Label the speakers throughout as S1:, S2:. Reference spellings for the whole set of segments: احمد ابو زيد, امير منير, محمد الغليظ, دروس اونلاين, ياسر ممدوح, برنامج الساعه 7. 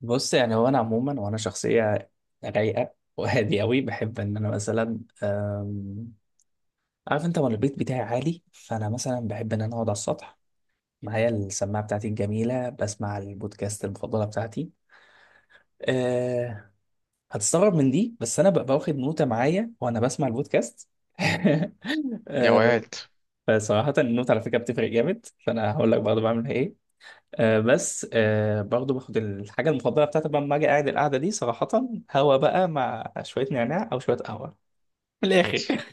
S1: بص يعني هو انا عموما وانا شخصيه رايقه وهادي قوي، بحب ان انا مثلا عارف انت، وانا البيت بتاعي عالي، فانا مثلا بحب ان انا اقعد على السطح معايا السماعه بتاعتي الجميله، بسمع البودكاست المفضله بتاعتي. أه، هتستغرب من دي بس انا ببقى واخد نوته معايا وانا بسمع البودكاست.
S2: يا
S1: أه،
S2: واد،
S1: فصراحه النوت على فكره بتفرق جامد، فانا هقول لك برضه بعمل ايه. آه بس آه برضو باخد الحاجة المفضلة بتاعتي بقى لما أجي قاعد القعدة دي صراحة، هوا بقى مع شوية نعناع أو شوية قهوة. من الآخر.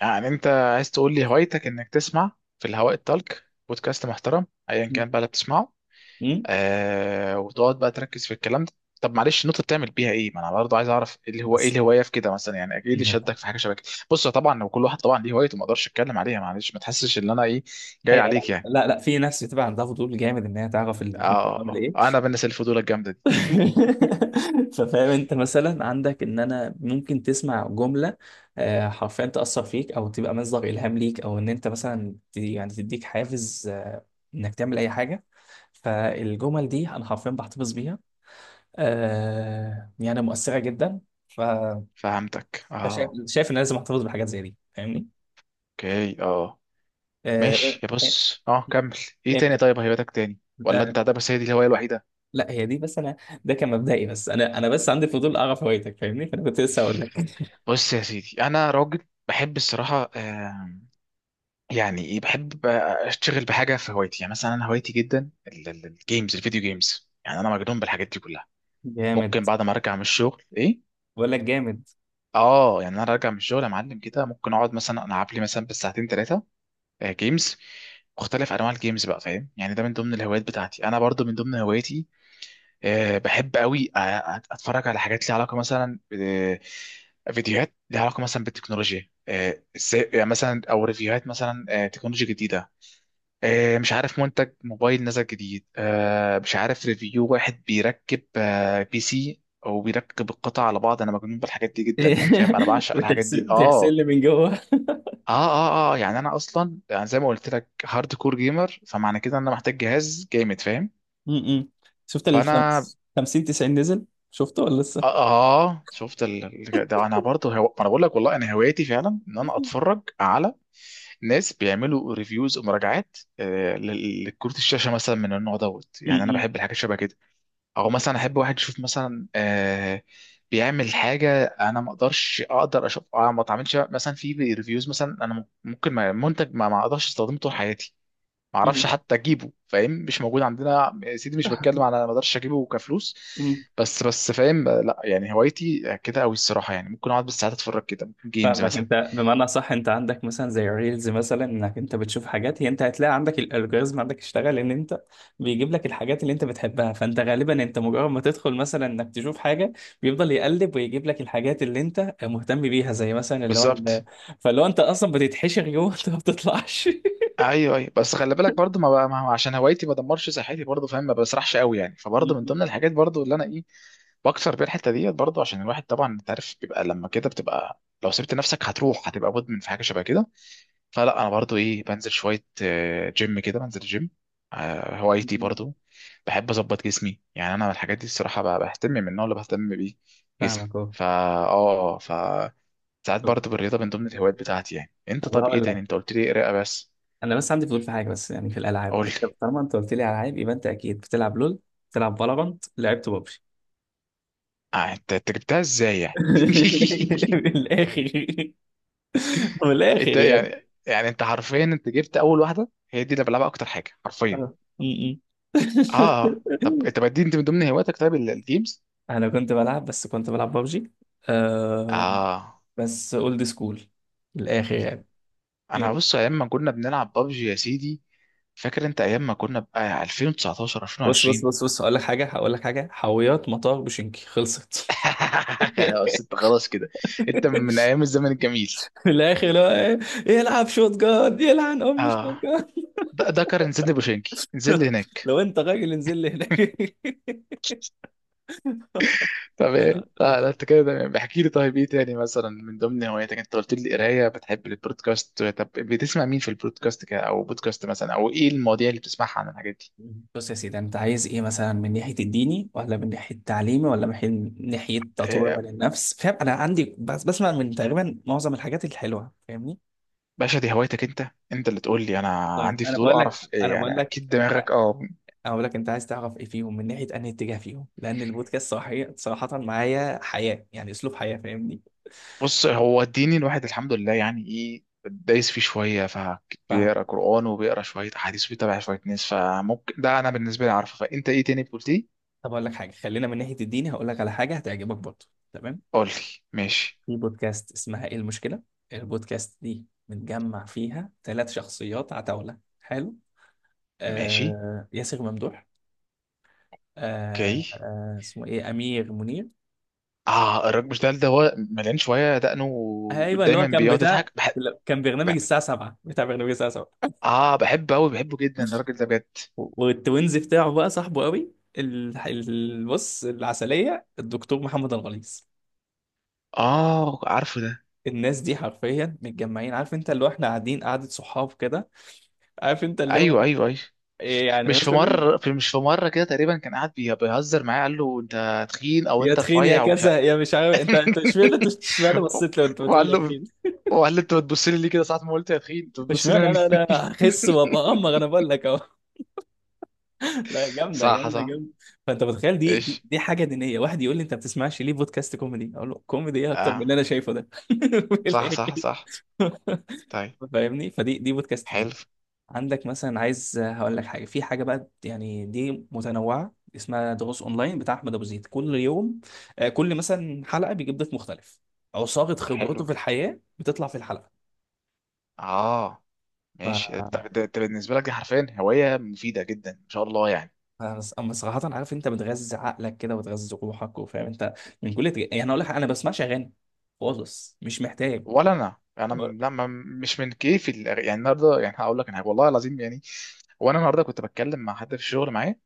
S2: يعني انت عايز تقول لي هوايتك انك تسمع في الهواء الطلق بودكاست محترم ايا كان بقى اللي بتسمعه.
S1: أمم،
S2: وتقعد بقى تركز في الكلام ده. طب معلش النقطه بتعمل بيها ايه؟ ما انا برضه عايز اعرف ايه اللي هو ايه
S1: بس
S2: الهوايه في كده مثلا، يعني ايه اللي
S1: النوتة.
S2: شدك في حاجه شبه كده؟ بص، طبعا هو كل واحد طبعا ليه هوايته، ما اقدرش اتكلم عليها، معلش ما تحسش ان انا ايه جاي
S1: أيوة لا
S2: عليك يعني.
S1: لا لا، في ناس بتبقى عندها فضول جامد إن هي تعرف النوتة بتعمل
S2: اه،
S1: إيه.
S2: انا بالناس الفضول الجامده دي.
S1: ففاهم أنت، مثلا عندك إن أنا ممكن تسمع جملة آه، حرفيا تأثر فيك أو تبقى مصدر إلهام ليك، أو إن أنت مثلا يعني تديك حافز إنك تعمل أي حاجة. فالجمل دي أنا حرفيا بحتفظ بيها، آه يعني مؤثرة جدا. ف-
S2: فهمتك،
S1: فشايف
S2: اه.
S1: شايف ان أنا لازم احتفظ بحاجات زي دي فاهمني.
S2: اوكي، اه.
S1: آه.
S2: ماشي، يا بص اه كمل. ايه
S1: انت،
S2: تاني؟ طيب هوايتك تاني، ولا
S1: لا,
S2: انت ده بس هي دي الهوايه الوحيده؟
S1: لا هي دي بس انا، ده كان مبدئي، بس انا بس عندي فضول اعرف هوايتك فاهمني، فانا كنت لسه هقول لك.
S2: بص يا سيدي، انا راجل بحب الصراحه. يعني ايه، بحب بقى اشتغل بحاجه في هوايتي. يعني مثلا انا هوايتي جدا الجيمز، الفيديو جيمز. يعني انا مجنون بالحاجات دي كلها.
S1: جامد،
S2: ممكن بعد ما ارجع من الشغل ايه،
S1: بقول لك جامد.
S2: اه، يعني انا راجع من الشغل يا معلم كده ممكن اقعد مثلا العب لي مثلا بالساعتين ثلاثه جيمز. مختلف انواع الجيمز بقى، فاهم؟ يعني ده من ضمن الهوايات بتاعتي. انا برضو من ضمن هواياتي، بحب قوي اتفرج على حاجات ليها علاقه مثلا، فيديوهات ليها علاقه مثلا بالتكنولوجيا، ازاي يعني مثلا، او ريفيوهات مثلا، تكنولوجيا جديده، مش عارف منتج موبايل نزل جديد، مش عارف ريفيو واحد بيركب، بي سي، او بيركب القطع على بعض. انا مجنون بالحاجات دي جدا، يعني فاهم، انا بعشق الحاجات دي،
S1: بتغسل تغسل
S2: اه.
S1: لي من جوه.
S2: اه يعني انا اصلا، يعني زي ما قلت لك، هارد كور جيمر، فمعنى كده ان انا محتاج جهاز جامد، فاهم؟
S1: م- م. شفت
S2: فانا
S1: الخمس 50 90 نزل؟ شفته ولا
S2: اه،
S1: لسه؟
S2: شفت ده انا برضه انا بقول لك والله انا هوايتي فعلا ان انا
S1: م-
S2: اتفرج على ناس بيعملوا ريفيوز ومراجعات، لكروت الشاشه مثلا من النوع دوت. يعني انا
S1: م.
S2: بحب الحاجات شبه كده، او مثلا احب واحد يشوف مثلا، بيعمل حاجه انا ما اقدرش اقدر اشوف، ما اتعاملش مثلا في ريفيوز مثلا. انا ممكن منتج ما اقدرش استخدمه طول حياتي، معرفش
S1: م-
S2: حتى اجيبه، فاهم؟ مش موجود عندنا يا سيدي، مش بتكلم على ما اقدرش اجيبه كفلوس.
S1: م.
S2: بس فاهم؟ لا يعني هوايتي كده قوي الصراحه، يعني ممكن اقعد بالساعات اتفرج كده، ممكن جيمز
S1: فاهمك،
S2: مثلا.
S1: انت بمعنى صح انت عندك مثلا زي ريلز مثلا، انك انت بتشوف حاجات، هي انت هتلاقي عندك الالجوريزم عندك اشتغل ان انت بيجيب لك الحاجات اللي انت بتحبها، فانت غالبا انت مجرد ما تدخل مثلا انك تشوف حاجه بيفضل يقلب ويجيب لك الحاجات اللي انت مهتم بيها، زي مثلا اللي هو ال-،
S2: بالظبط.
S1: فاللي هو انت اصلا بتتحشر جوه. انت ما بتطلعش.
S2: ايوه، بس خلي بالك برضو ما, بقى، ما هو عشان هوايتي ما دمرش صحتي برضو، فاهم؟ ما بسرحش قوي يعني. فبرضو من ضمن الحاجات برضو اللي انا ايه بكسر بيها الحته ديت برضو، عشان الواحد طبعا انت عارف بيبقى لما كده بتبقى لو سبت نفسك هتروح هتبقى مدمن في حاجه شبه كده. فلا انا برضو ايه بنزل شويه، جيم كده، بنزل جيم. هوايتي برضو بحب اظبط جسمي. يعني انا من الحاجات دي الصراحه بهتم، من النوع اللي بهتم بيه جسمي.
S1: فاهمك اهو.
S2: فا اه ف ساعات
S1: طب،
S2: برضو بالرياضه من ضمن الهوايات بتاعتي. يعني انت
S1: طب
S2: طب ايه
S1: هقول
S2: تاني؟
S1: لك.
S2: انت قلت لي قراءه بس.
S1: انا بس عندي فضول في حاجه بس، يعني في الالعاب،
S2: قول
S1: انت
S2: لي.
S1: طالما انت قلت لي على العاب يبقى انت اكيد بتلعب لول، بتلعب فالورانت، لعبت ببجي.
S2: انت، أنت جبتها ازاي يعني؟
S1: من الاخر، من
S2: انت
S1: الاخر يعني.
S2: يعني، يعني انت حرفيا انت جبت اول واحده، هي دي اللي بلعبها اكتر حاجه حرفيا.
S1: آه. م- م.
S2: اه، طب انت بدي انت من ضمن هواياتك طيب الجيمز؟
S1: انا كنت بلعب، بس كنت بلعب ببجي آه،
S2: اه،
S1: بس اولد سكول، من الاخر يعني.
S2: انا
S1: إيه.
S2: بص ايام ما كنا بنلعب بابجي يا سيدي، فاكر انت ايام ما كنا بقى 2019
S1: بص بص
S2: 2020؟
S1: بص بص، هقول لك حاجه، هقول لك حاجه، حاويات مطار بوشنكي خلصت.
S2: بس انت خلاص كده، انت من من ايام الزمن الجميل.
S1: في الاخر لو إيه، يلعب شوت جارد، يلعن ام
S2: اه،
S1: شوت جارد.
S2: ده كان نزل لي بوشنكي نزل لي هناك.
S1: لو انت راجل انزل لي هناك.
S2: طب
S1: لا.
S2: ايه،
S1: لا.
S2: لا لا انت كده تمام، احكي لي. طيب ايه تاني مثلا من ضمن هواياتك؟ انت قلت لي قرايه، بتحب البودكاست، طب بتسمع مين في البودكاست كده، او بودكاست مثلا، او ايه المواضيع اللي بتسمعها عن الحاجات دي؟
S1: بص يا سيدي، انت عايز ايه مثلا؟ من ناحيه الديني، ولا من ناحيه تعليمي، ولا من ناحيه تطوير
S2: آه،
S1: من النفس فاهم؟ انا عندي بس بسمع من تقريبا معظم الحاجات الحلوه فاهمني.
S2: باشا دي هوايتك انت، انت اللي تقول لي. انا
S1: طيب
S2: عندي
S1: انا
S2: فضول
S1: بقول لك،
S2: اعرف إيه
S1: انا بقول
S2: يعني،
S1: لك
S2: اكيد
S1: انت،
S2: دماغك اه.
S1: انا بقول لك انت عايز تعرف ايه فيهم، من ناحيه انهي اتجاه فيهم، لان البودكاست صراحه صراحه معايا حياه، يعني اسلوب حياه فاهمني.
S2: بص هو الديني الواحد الحمد لله يعني ايه دايس فيه شويه،
S1: فاهم.
S2: فبيقرا قران وبيقرا شويه احاديث وبيتابع شويه ناس. فممكن ده انا بالنسبه لي عارفه، فانت ايه تاني قلت لي؟
S1: طب اقول لك حاجه، خلينا من ناحيه الديني، هقول لك على حاجه هتعجبك برضه. تمام.
S2: قول لي. ماشي.
S1: في بودكاست اسمها ايه المشكله، البودكاست دي بنجمع فيها ثلاث شخصيات عتاوله حلو،
S2: ماشي.
S1: آه ياسر ممدوح، آه
S2: اوكي،
S1: آه اسمه ايه امير منير،
S2: اه، الراجل مش ده هو مليان شويه دقنه،
S1: ايوه اللي هو
S2: ودايما
S1: كان
S2: بيقعد
S1: بتاع،
S2: يضحك. بحب،
S1: كان برنامج
S2: بحب-
S1: الساعه 7، بتاع برنامج الساعه 7،
S2: اه بحبه قوي، بحبه جدا الراجل ده بجد.
S1: والتوينز بتاعه بقى صاحبه قوي ال- ال-، بص العسليه الدكتور محمد الغليظ.
S2: اه، عارفه ده.
S1: الناس دي حرفيا متجمعين عارف انت، اللي هو احنا قاعدين قعده صحاب كده عارف انت، اللي
S2: ايوه
S1: هو
S2: ايوه ايوه،
S1: إيه يعني
S2: مش في
S1: مثلا،
S2: مره في مش في مره كده تقريبا كان قاعد بيهزر معايا، قال له انت تخين او
S1: يا
S2: انت
S1: تخين يا
S2: رفيع.
S1: كذا يا مش عارف، انت انت اشمعنى، انت اشمعنى بصيت لو انت بتقول
S2: وقال
S1: لي يا
S2: له
S1: تخين؟
S2: وقال له انت بتبص لي ليه كده ساعة ما قلت؟ يا اخي انت بتبص لي
S1: اشمعنى
S2: انا
S1: انا
S2: ليه؟
S1: هخس وابقى امر؟ انا بقول لك اهو، لا جامده
S2: صح
S1: جامده
S2: صح.
S1: جامده. فانت متخيل؟ دي
S2: ايش،
S1: دي, دي حاجه دينيه، واحد يقول لي انت ما بتسمعش ليه بودكاست كوميدي؟ اقول له كوميدي ايه اكتر من اللي
S2: اه،
S1: انا شايفه ده؟ في
S2: صح
S1: الآخر.
S2: صح صح. طيب،
S1: فاهمني، فدي بودكاست دي.
S2: حلو.
S1: عندك مثلا، عايز هقول لك حاجه في حاجه بقى، يعني دي متنوعه، اسمها دروس اونلاين بتاع احمد ابو زيد، كل يوم آه، كل مثلا حلقه بيجيب ضيف مختلف، عصاره خبرته
S2: حلو،
S1: في الحياه بتطلع في
S2: اه. ماشي، طب
S1: الحلقه.
S2: ده بالنسبة لك دي حرفيا هواية مفيدة جدا ان شاء الله يعني.
S1: انا أما صراحه، عارف انت بتغذي عقلك كده وتغذي روحك وفاهم انت من كل تج...، يعني اقول لك حاجة، انا بسمعش اغاني خالص، مش محتاج.
S2: ولا انا، انا
S1: هو-
S2: م- لا ما- مش من كيفي يعني النهارده، يعني هقول لك انا والله العظيم يعني، وانا النهارده كنت بتكلم مع حد في الشغل معايا.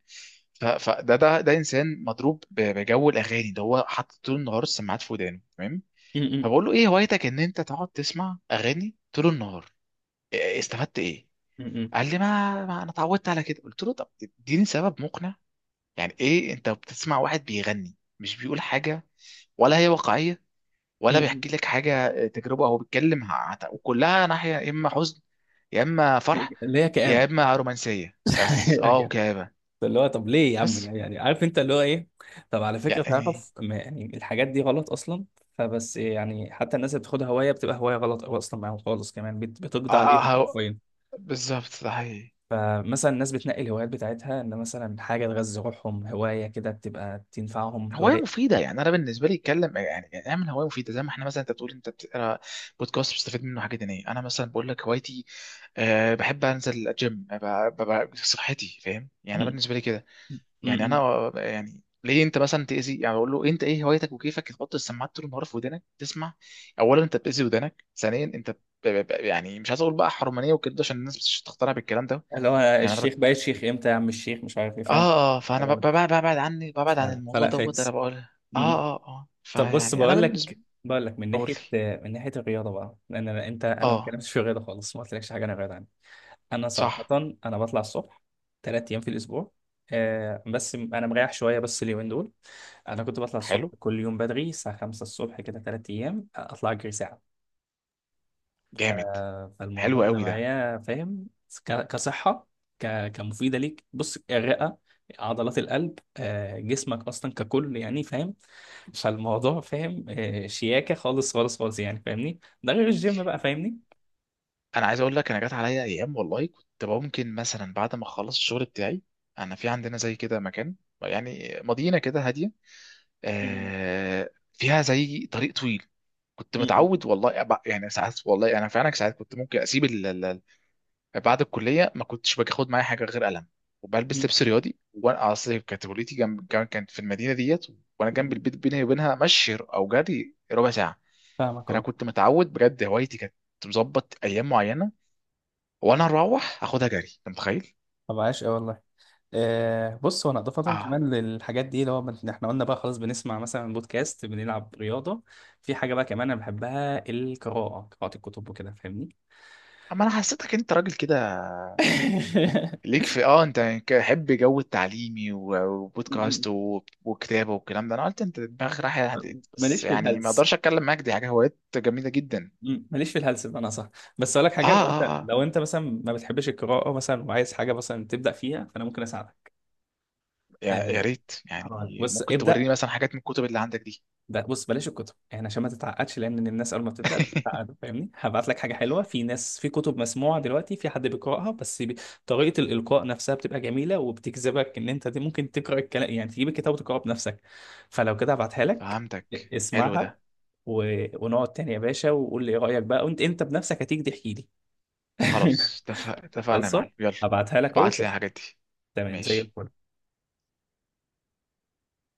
S2: فده ده انسان مضروب بجو الاغاني، ده هو حاطط طول النهار السماعات في ودانه تمام.
S1: م- م-
S2: فبقول له ايه هوايتك ان انت تقعد تسمع اغاني طول النهار؟ استفدت ايه؟
S1: م-
S2: قال لي ما انا اتعودت على كده. قلت له طب اديني سبب مقنع. يعني ايه انت بتسمع واحد بيغني مش بيقول حاجه، ولا هي واقعيه،
S1: م-
S2: ولا
S1: م-،
S2: بيحكي لك حاجه، تجربه هو بيتكلم وكلها ناحيه، يا اما حزن، يا اما فرح،
S1: اللي هي
S2: يا
S1: كآبة.
S2: اما رومانسيه بس، اه،
S1: أيوة.
S2: وكآبة
S1: اللي هو طب ليه يا عم؟
S2: بس
S1: يعني عارف انت اللي هو ايه، طب على فكره
S2: يعني.
S1: تعرف يعني الحاجات دي غلط اصلا، فبس إيه، يعني حتى الناس اللي بتاخدها هوايه بتبقى هوايه غلط، او اصلا معاهم خالص كمان بتقضي عليهم
S2: هو
S1: حرفيا.
S2: بالظبط ده حقيقي.
S1: فمثلا الناس بتنقي الهوايات بتاعتها ان مثلا حاجه تغذي روحهم، هوايه كده بتبقى تنفعهم
S2: هواية
S1: هوايه.
S2: مفيدة، يعني أنا بالنسبة لي أتكلم، يعني يعني أعمل هواية مفيدة زي ما إحنا مثلا، أنت بتقول أنت بتقرا بودكاست بتستفيد منه حاجة دينية، أنا مثلا بقول لك هوايتي أه بحب أنزل الجيم صحتي، فاهم؟ يعني أنا بالنسبة لي كده، يعني
S1: م-م.
S2: انا يعني ليه انت مثلا تاذي؟ يعني اقول له انت ايه هوايتك وكيفك تحط السماعات طول النهار في ودانك تسمع؟ اولا انت بتاذي ودانك، ثانيا انت يعني مش عايز اقول بقى حرمانيه وكده عشان الناس مش تقتنع بالكلام ده.
S1: اللي هو
S2: يعني انا
S1: الشيخ،
S2: بك...
S1: بقيت شيخ امتى يا عم الشيخ؟ مش عارف ايه فاهم؟
S2: اه اه فانا ب...
S1: غلط.
S2: ببعد ببعد عني، ببعد
S1: ف-
S2: عن الموضوع
S1: فلا
S2: دوت. انا
S1: فاكس.
S2: بقول اه
S1: م-م.
S2: اه اه،
S1: طب بص،
S2: فيعني انا
S1: بقول
S2: بالنسبه.
S1: لك بقول لك من
S2: اقول
S1: ناحيه
S2: لي.
S1: من ناحيه الرياضه بقى، لان انت، انا ما
S2: اه.
S1: اتكلمتش في الرياضه خالص، ما قلتلكش حاجه عن الرياضه عني. انا صراحه،
S2: صح.
S1: انا بطلع الصبح ثلاث ايام في الاسبوع، آه بس انا مريح شويه بس اليومين دول، انا كنت بطلع الصبح
S2: حلو.
S1: كل يوم بدري الساعه 5 الصبح كده، ثلاث ايام اطلع اجري ساعه. ف-
S2: جامد. حلو
S1: فالموضوع ده
S2: قوي ده.
S1: معايا فاهم، كصحة، كمفيدة ليك، بص الرئة، عضلات القلب آه، جسمك أصلا ككل يعني فاهم، فالموضوع فاهم آه، شياكة خالص خالص خالص، يعني فاهمني، ده غير الجيم بقى فاهمني.
S2: انا عايز اقول لك، انا جات عليا ايام والله كنت ممكن مثلا بعد ما اخلص الشغل بتاعي، انا في عندنا زي كده مكان، يعني مدينه كده هاديه،
S1: م-
S2: آه فيها زي طريق طويل، كنت
S1: م-
S2: متعود والله يعني ساعات، والله انا فعلا ساعات كنت ممكن اسيب بعد الكليه ما كنتش باخد معايا حاجه غير قلم، وبلبس
S1: م-
S2: لبس رياضي. وانا اصل كانت كليتي جنب كانت في المدينه ديت، وانا جنب
S1: م-.
S2: البيت، بيني وبينها مشي او جري ربع ساعه.
S1: فاهمك
S2: فانا
S1: اه.
S2: كنت متعود بجد، هوايتي كانت مظبط ايام معينه وانا اروح اخدها جري، انت متخيل؟
S1: طب عاش أوي والله. آه بص، هو انا اضافه
S2: اه،
S1: كمان للحاجات دي اللي هو احنا قلنا بقى خلاص بنسمع مثلا بودكاست، بنلعب رياضه، في حاجه بقى كمان انا بحبها، القراءه، قراءه الكتب وكده فاهمني.
S2: اما انا حسيتك انت راجل كده ليك في اه، انت حب جو التعليمي وبودكاست
S1: م-
S2: وكتابه والكلام ده، انا قلت انت دماغك رايحه
S1: م.
S2: هديت، بس
S1: ماليش في
S2: يعني ما
S1: الهلس،
S2: اقدرش اتكلم معاك، دي حاجه، هوايات جميله جدا.
S1: م- ماليش في الهلس بمعنى صح. بس اقول لك
S2: اه
S1: حاجه، لو انت
S2: اه اه،
S1: لو انت مثلا ما بتحبش القراءه مثلا وعايز حاجه مثلا تبدا فيها، فانا ممكن اساعدك.
S2: يا
S1: آه،
S2: يا ريت
S1: هقول لك.
S2: يعني،
S1: بص
S2: ممكن توريني
S1: ابدا،
S2: مثلا حاجات من الكتب اللي عندك دي؟
S1: ده بص بلاش الكتب، يعني عشان ما تتعقدش، لان الناس اول ما بتبدا بتتعقد فاهمني، هبعت لك حاجه حلوه، في ناس في كتب مسموعه دلوقتي، في حد بيقراها بس طريقه الالقاء نفسها بتبقى جميله وبتجذبك ان انت دي ممكن تقرا الكلام، يعني تجيب الكتاب وتقراه بنفسك. فلو كده هبعتها لك،
S2: فهمتك، حلو
S1: اسمعها،
S2: ده.
S1: ونقعد تاني يا باشا وقول لي ايه رايك بقى، وانت انت بنفسك هتيجي تحكي لي.
S2: خلاص، اتفق، اتفقنا يا
S1: خلصه،
S2: معلم، يلا
S1: هبعتها لك اهو
S2: ابعت لي
S1: شوف.
S2: الحاجات دي.
S1: تمام زي
S2: ماشي.
S1: الفل.